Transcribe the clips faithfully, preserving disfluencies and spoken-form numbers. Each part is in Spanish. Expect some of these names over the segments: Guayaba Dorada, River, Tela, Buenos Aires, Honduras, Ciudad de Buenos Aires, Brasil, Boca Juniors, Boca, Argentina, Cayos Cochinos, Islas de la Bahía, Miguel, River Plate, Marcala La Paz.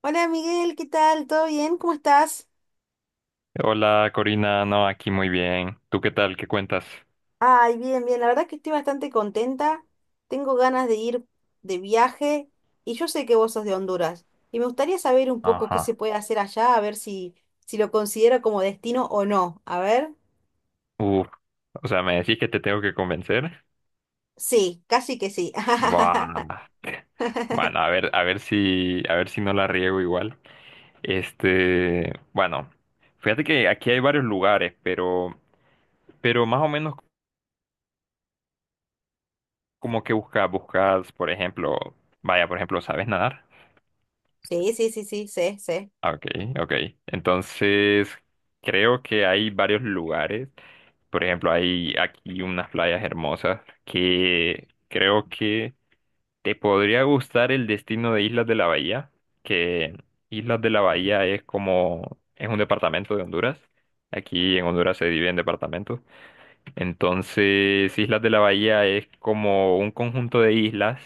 Hola Miguel, ¿qué tal? ¿Todo bien? ¿Cómo estás? Hola Corina, no, aquí muy bien. ¿Tú qué tal? ¿Qué cuentas? Ay, bien, bien. La verdad que estoy bastante contenta. Tengo ganas de ir de viaje y yo sé que vos sos de Honduras. Y me gustaría saber un poco qué se Ajá. puede hacer allá, a ver si, si lo considero como destino o no. A ver. Uf, o sea, ¿me decís que te tengo que convencer? Sí, casi que sí. Buah. Bueno, a ver, a ver si, a ver si no la riego igual. Este, bueno, fíjate que aquí hay varios lugares, pero, pero más o menos como que buscas, buscas, por ejemplo, vaya, por ejemplo, ¿sabes nadar? Sí, sí, sí, sí, sé, sé. Ah, ok, ok. Entonces, creo que hay varios lugares. Por ejemplo, hay aquí unas playas hermosas que creo que te podría gustar el destino de Islas de la Bahía, que Islas de la Bahía es como, es un departamento de Honduras. Aquí en Honduras se divide en departamentos. Entonces, Islas de la Bahía es como un conjunto de islas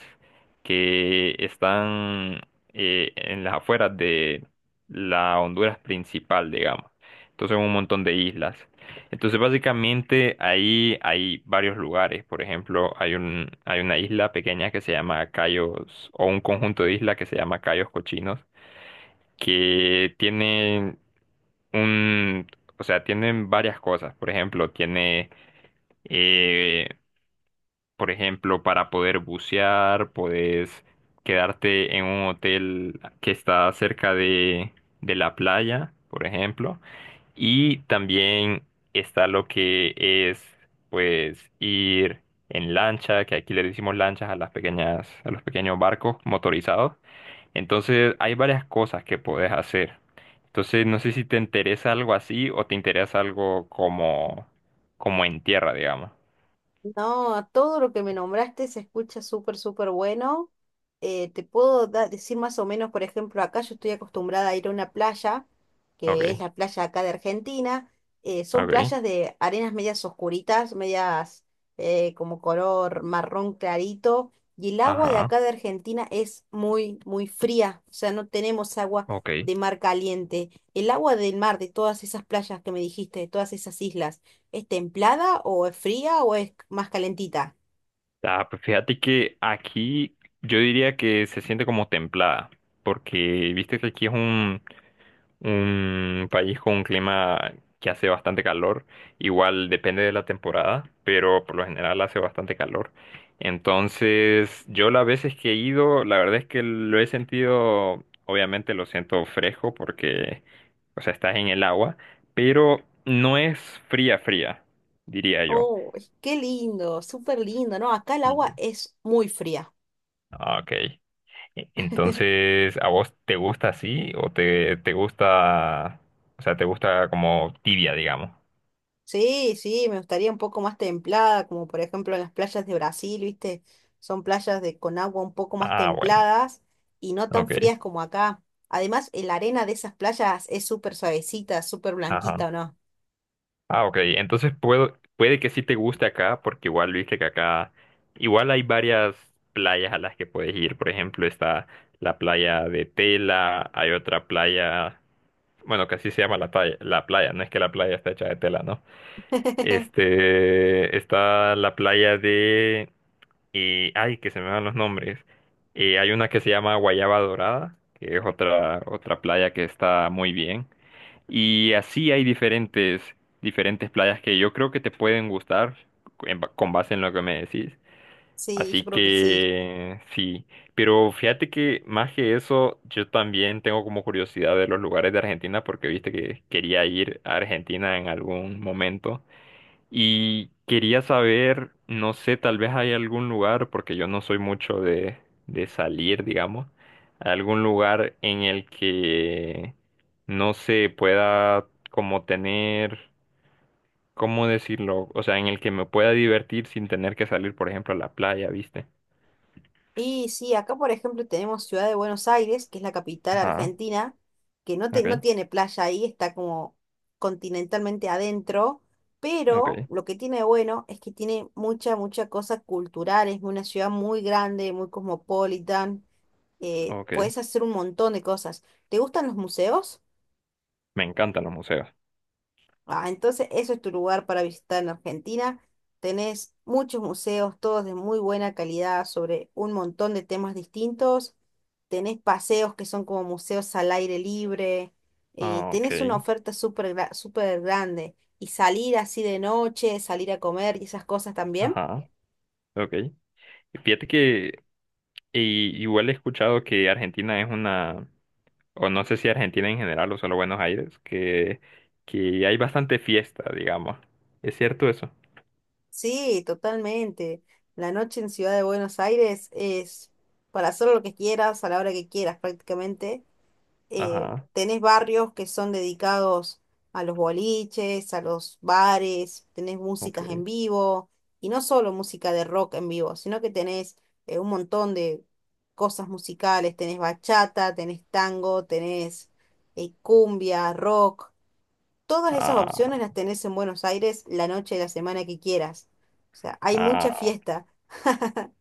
que están eh, en las afueras de la Honduras principal, digamos. Entonces, un montón de islas. Entonces, básicamente ahí hay varios lugares. Por ejemplo, hay un, hay una isla pequeña que se llama Cayos, o un conjunto de islas que se llama Cayos Cochinos, que tienen un, o sea, tienen varias cosas. Por ejemplo, tiene eh, por ejemplo, para poder bucear, puedes quedarte en un hotel que está cerca de, de la playa, por ejemplo. Y también está lo que es, pues, ir en lancha, que aquí le decimos lanchas a las pequeñas, a los pequeños barcos motorizados. Entonces, hay varias cosas que puedes hacer. Entonces, no sé si te interesa algo así o te interesa algo como, como en tierra, digamos. No, todo lo que me nombraste se escucha súper, súper bueno. Eh, te puedo da- decir más o menos, por ejemplo, acá yo estoy acostumbrada a ir a una playa, Ok, que es la playa acá de Argentina. Eh, son ok. playas de arenas medias oscuritas, medias eh, como color marrón clarito. Y el agua de Ajá. acá de Argentina es muy, muy fría. O sea, no tenemos agua Ok. de mar caliente. ¿El agua del mar de todas esas playas que me dijiste, de todas esas islas, es templada o es fría o es más calentita? Ah, pues fíjate que aquí yo diría que se siente como templada, porque viste que aquí es un, un país con un clima que hace bastante calor, igual depende de la temporada, pero por lo general hace bastante calor. Entonces, yo las veces que he ido, la verdad es que lo he sentido, obviamente lo siento fresco porque, o sea, estás en el agua, pero no es fría, fría, diría yo. Oh, qué lindo, súper lindo, ¿no? Acá el Sí. agua es muy fría. Ah, ok. E-, Entonces, ¿a vos te gusta así o te, te gusta, o sea, te gusta como tibia, digamos? Sí, sí, me gustaría un poco más templada, como por ejemplo en las playas de Brasil, ¿viste? Son playas de, con agua un poco más Ah, bueno, templadas y no tan ok, frías como acá. Además, la arena de esas playas es súper suavecita, súper ajá. blanquita, ¿o no? Ah, ok, entonces puedo, puede que sí te guste acá, porque igual viste que acá, igual hay varias playas a las que puedes ir. Por ejemplo, está la playa de Tela, hay otra playa, bueno, que así se llama la playa, la playa, no es que la playa está hecha de tela, ¿no? Este, está la playa de... Y, ay, que se me van los nombres. Eh, hay una que se llama Guayaba Dorada, que es otra, otra playa que está muy bien. Y así hay diferentes, diferentes playas que yo creo que te pueden gustar en ba- con base en lo que me decís. Sí, yo Así creo que sí. que sí, pero fíjate que más que eso, yo también tengo como curiosidad de los lugares de Argentina porque viste que quería ir a Argentina en algún momento. Y quería saber, no sé, tal vez hay algún lugar, porque yo no soy mucho de, de salir, digamos, algún lugar en el que no se pueda como tener, ¿cómo decirlo? O sea, en el que me pueda divertir sin tener que salir, por ejemplo, a la playa, ¿viste? Y sí, acá por ejemplo tenemos Ciudad de Buenos Aires, que es la capital Ajá, argentina, que no, te- no ok, tiene playa ahí, está como continentalmente adentro, pero ok, lo que tiene de bueno es que tiene mucha, mucha cosa cultural, es una ciudad muy grande, muy cosmopolitan, eh, ok. puedes hacer un montón de cosas. ¿Te gustan los museos? Me encantan los museos. Ah, entonces eso es tu lugar para visitar en Argentina. Tenés muchos museos, todos de muy buena calidad, sobre un montón de temas distintos. Tenés paseos que son como museos al aire libre. eh, Ah, ok, Tenés una oferta súper gra- súper grande. Y salir así de noche, salir a comer y esas cosas también. ajá, ok. Fíjate que i- igual he escuchado que Argentina es una o no sé si Argentina en general o solo Buenos Aires, que, que hay bastante fiesta, digamos. ¿Es cierto eso? Sí, totalmente. La noche en Ciudad de Buenos Aires es para hacer lo que quieras, a la hora que quieras prácticamente. eh, Ajá, Tenés barrios que son dedicados a los boliches, a los bares, tenés ok. músicas en vivo, y no solo música de rock en vivo, sino que tenés eh, un montón de cosas musicales, tenés bachata, tenés tango, tenés eh, cumbia, rock, todas esas opciones Ah, las tenés en Buenos Aires la noche de la semana que quieras. O sea, hay mucha ah, fiesta.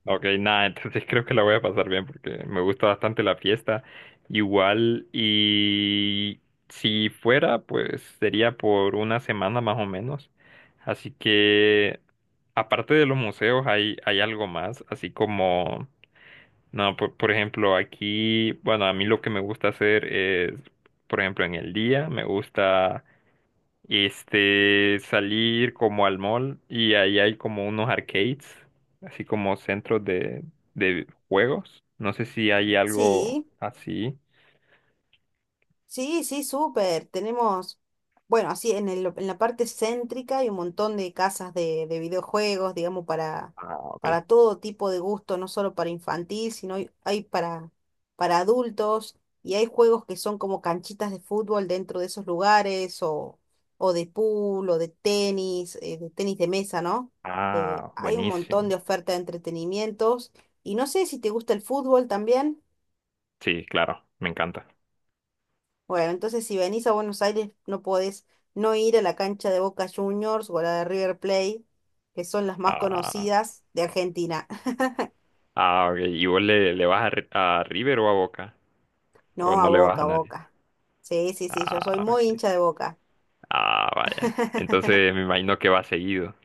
ok, nada, entonces creo que la voy a pasar bien porque me gusta bastante la fiesta. Igual, y si fuera, pues sería por una semana más o menos. Así que, aparte de los museos, hay, hay algo más, así como... No, por, por ejemplo, aquí, bueno, a mí lo que me gusta hacer es, por ejemplo, en el día me gusta este salir como al mall y ahí hay como unos arcades, así como centros de, de juegos. No sé si hay algo Sí. así. Sí, sí, súper. Tenemos, bueno, así en el- en la parte céntrica hay un montón de casas de, de videojuegos, digamos, para, Ah, ok. para todo tipo de gusto, no solo para infantil, sino hay, hay para, para adultos y hay juegos que son como canchitas de fútbol dentro de esos lugares o, o de pool o de tenis, eh, de tenis de mesa, ¿no? Eh, Ah, hay un montón buenísimo. de oferta de entretenimientos y no sé si te gusta el fútbol también. Sí, claro, me encanta. Bueno, entonces si venís a Buenos Aires no podés no ir a la cancha de Boca Juniors o a la de River Plate, que son las más Ah, conocidas de Argentina. ah, ok. ¿Y vos le, le vas a, Ri- a River o a Boca? ¿O No, no a le vas a Boca, nadie? Boca. Sí, sí, sí, yo soy Ah, muy ok. hincha de Boca. Ah, vaya. Entonces me imagino que va seguido.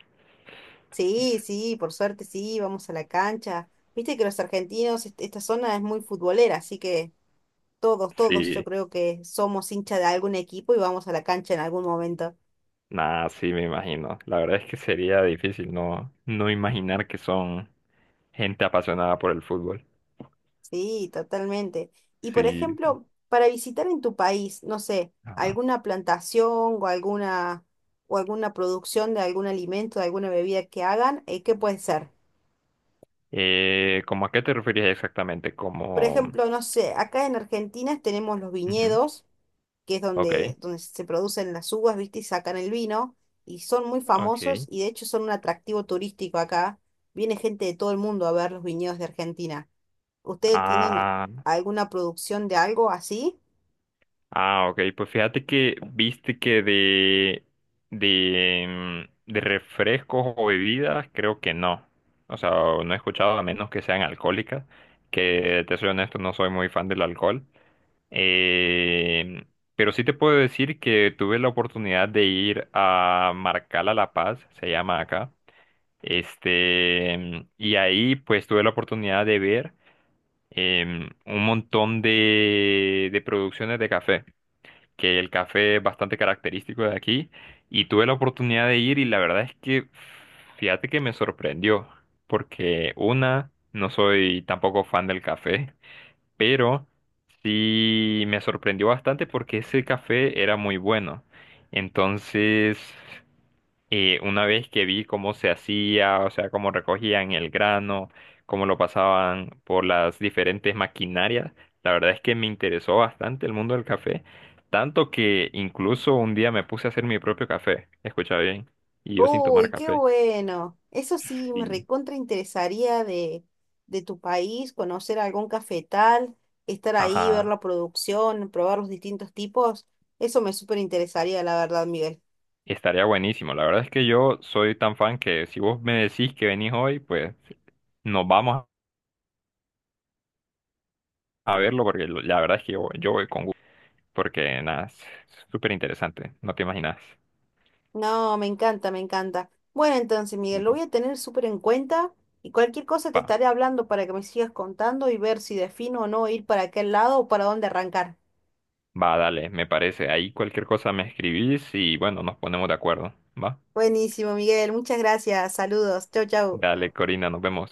Sí, sí, por suerte sí, vamos a la cancha. Viste que los argentinos, est- esta zona es muy futbolera, así que todos, todos yo Sí, creo que somos hincha de algún equipo y vamos a la cancha en algún momento. nada, sí me imagino. La verdad es que sería difícil no, no imaginar que son gente apasionada por el fútbol. Sí, totalmente. Y por Sí. ejemplo, para visitar en tu país, no sé, Ajá. alguna plantación o alguna o alguna producción de algún alimento, de alguna bebida que hagan, eh, ¿qué puede ser? Eh, ¿cómo a qué te referías exactamente? Por Como... ejemplo, no sé, acá en Argentina tenemos los Ujú, viñedos, que es donde, ok, donde se producen las uvas, ¿viste? Y sacan el vino, y son muy famosos ok. y de hecho son un atractivo turístico acá. Viene gente de todo el mundo a ver los viñedos de Argentina. ¿Ustedes tienen Ah, alguna producción de algo así? ah, ok, pues fíjate que viste que de, de, mm, de refrescos o bebidas, creo que no. O sea, no he escuchado a menos que sean alcohólicas, que te soy honesto, no soy muy fan del alcohol. Eh, pero sí te puedo decir que tuve la oportunidad de ir a Marcala La Paz, se llama acá. Este, mm, y ahí pues tuve la oportunidad de ver em, un montón de, de producciones de café que el café es bastante característico de aquí y tuve la oportunidad de ir y la verdad es que fíjate que me sorprendió porque una, no soy tampoco fan del café, pero sí me sorprendió bastante porque ese café era muy bueno. Entonces y una vez que vi cómo se hacía, o sea, cómo recogían el grano, cómo lo pasaban por las diferentes maquinarias, la verdad es que me interesó bastante el mundo del café, tanto que incluso un día me puse a hacer mi propio café, escucha bien, y yo sin tomar Uy, qué café. bueno. Eso sí, me Sí. recontra interesaría de, de tu país, conocer algún cafetal, estar ahí, ver Ajá, la producción, probar los distintos tipos. Eso me súper interesaría, la verdad, Miguel. estaría buenísimo. La verdad es que yo soy tan fan que si vos me decís que venís hoy, pues nos vamos a verlo porque lo- la verdad es que yo, yo voy con gusto, porque nada, es súper interesante, no te imaginas. No, me encanta, me encanta. Bueno, entonces, Miguel, lo voy a tener súper en cuenta y cualquier cosa te Va, estaré hablando para que me sigas contando y ver si defino o no ir para aquel lado o para dónde arrancar. va, dale, me parece. Ahí cualquier cosa me escribís y bueno, nos ponemos de acuerdo. Va, Buenísimo, Miguel. Muchas gracias. Saludos. Chau, chau. dale, Corina, nos vemos.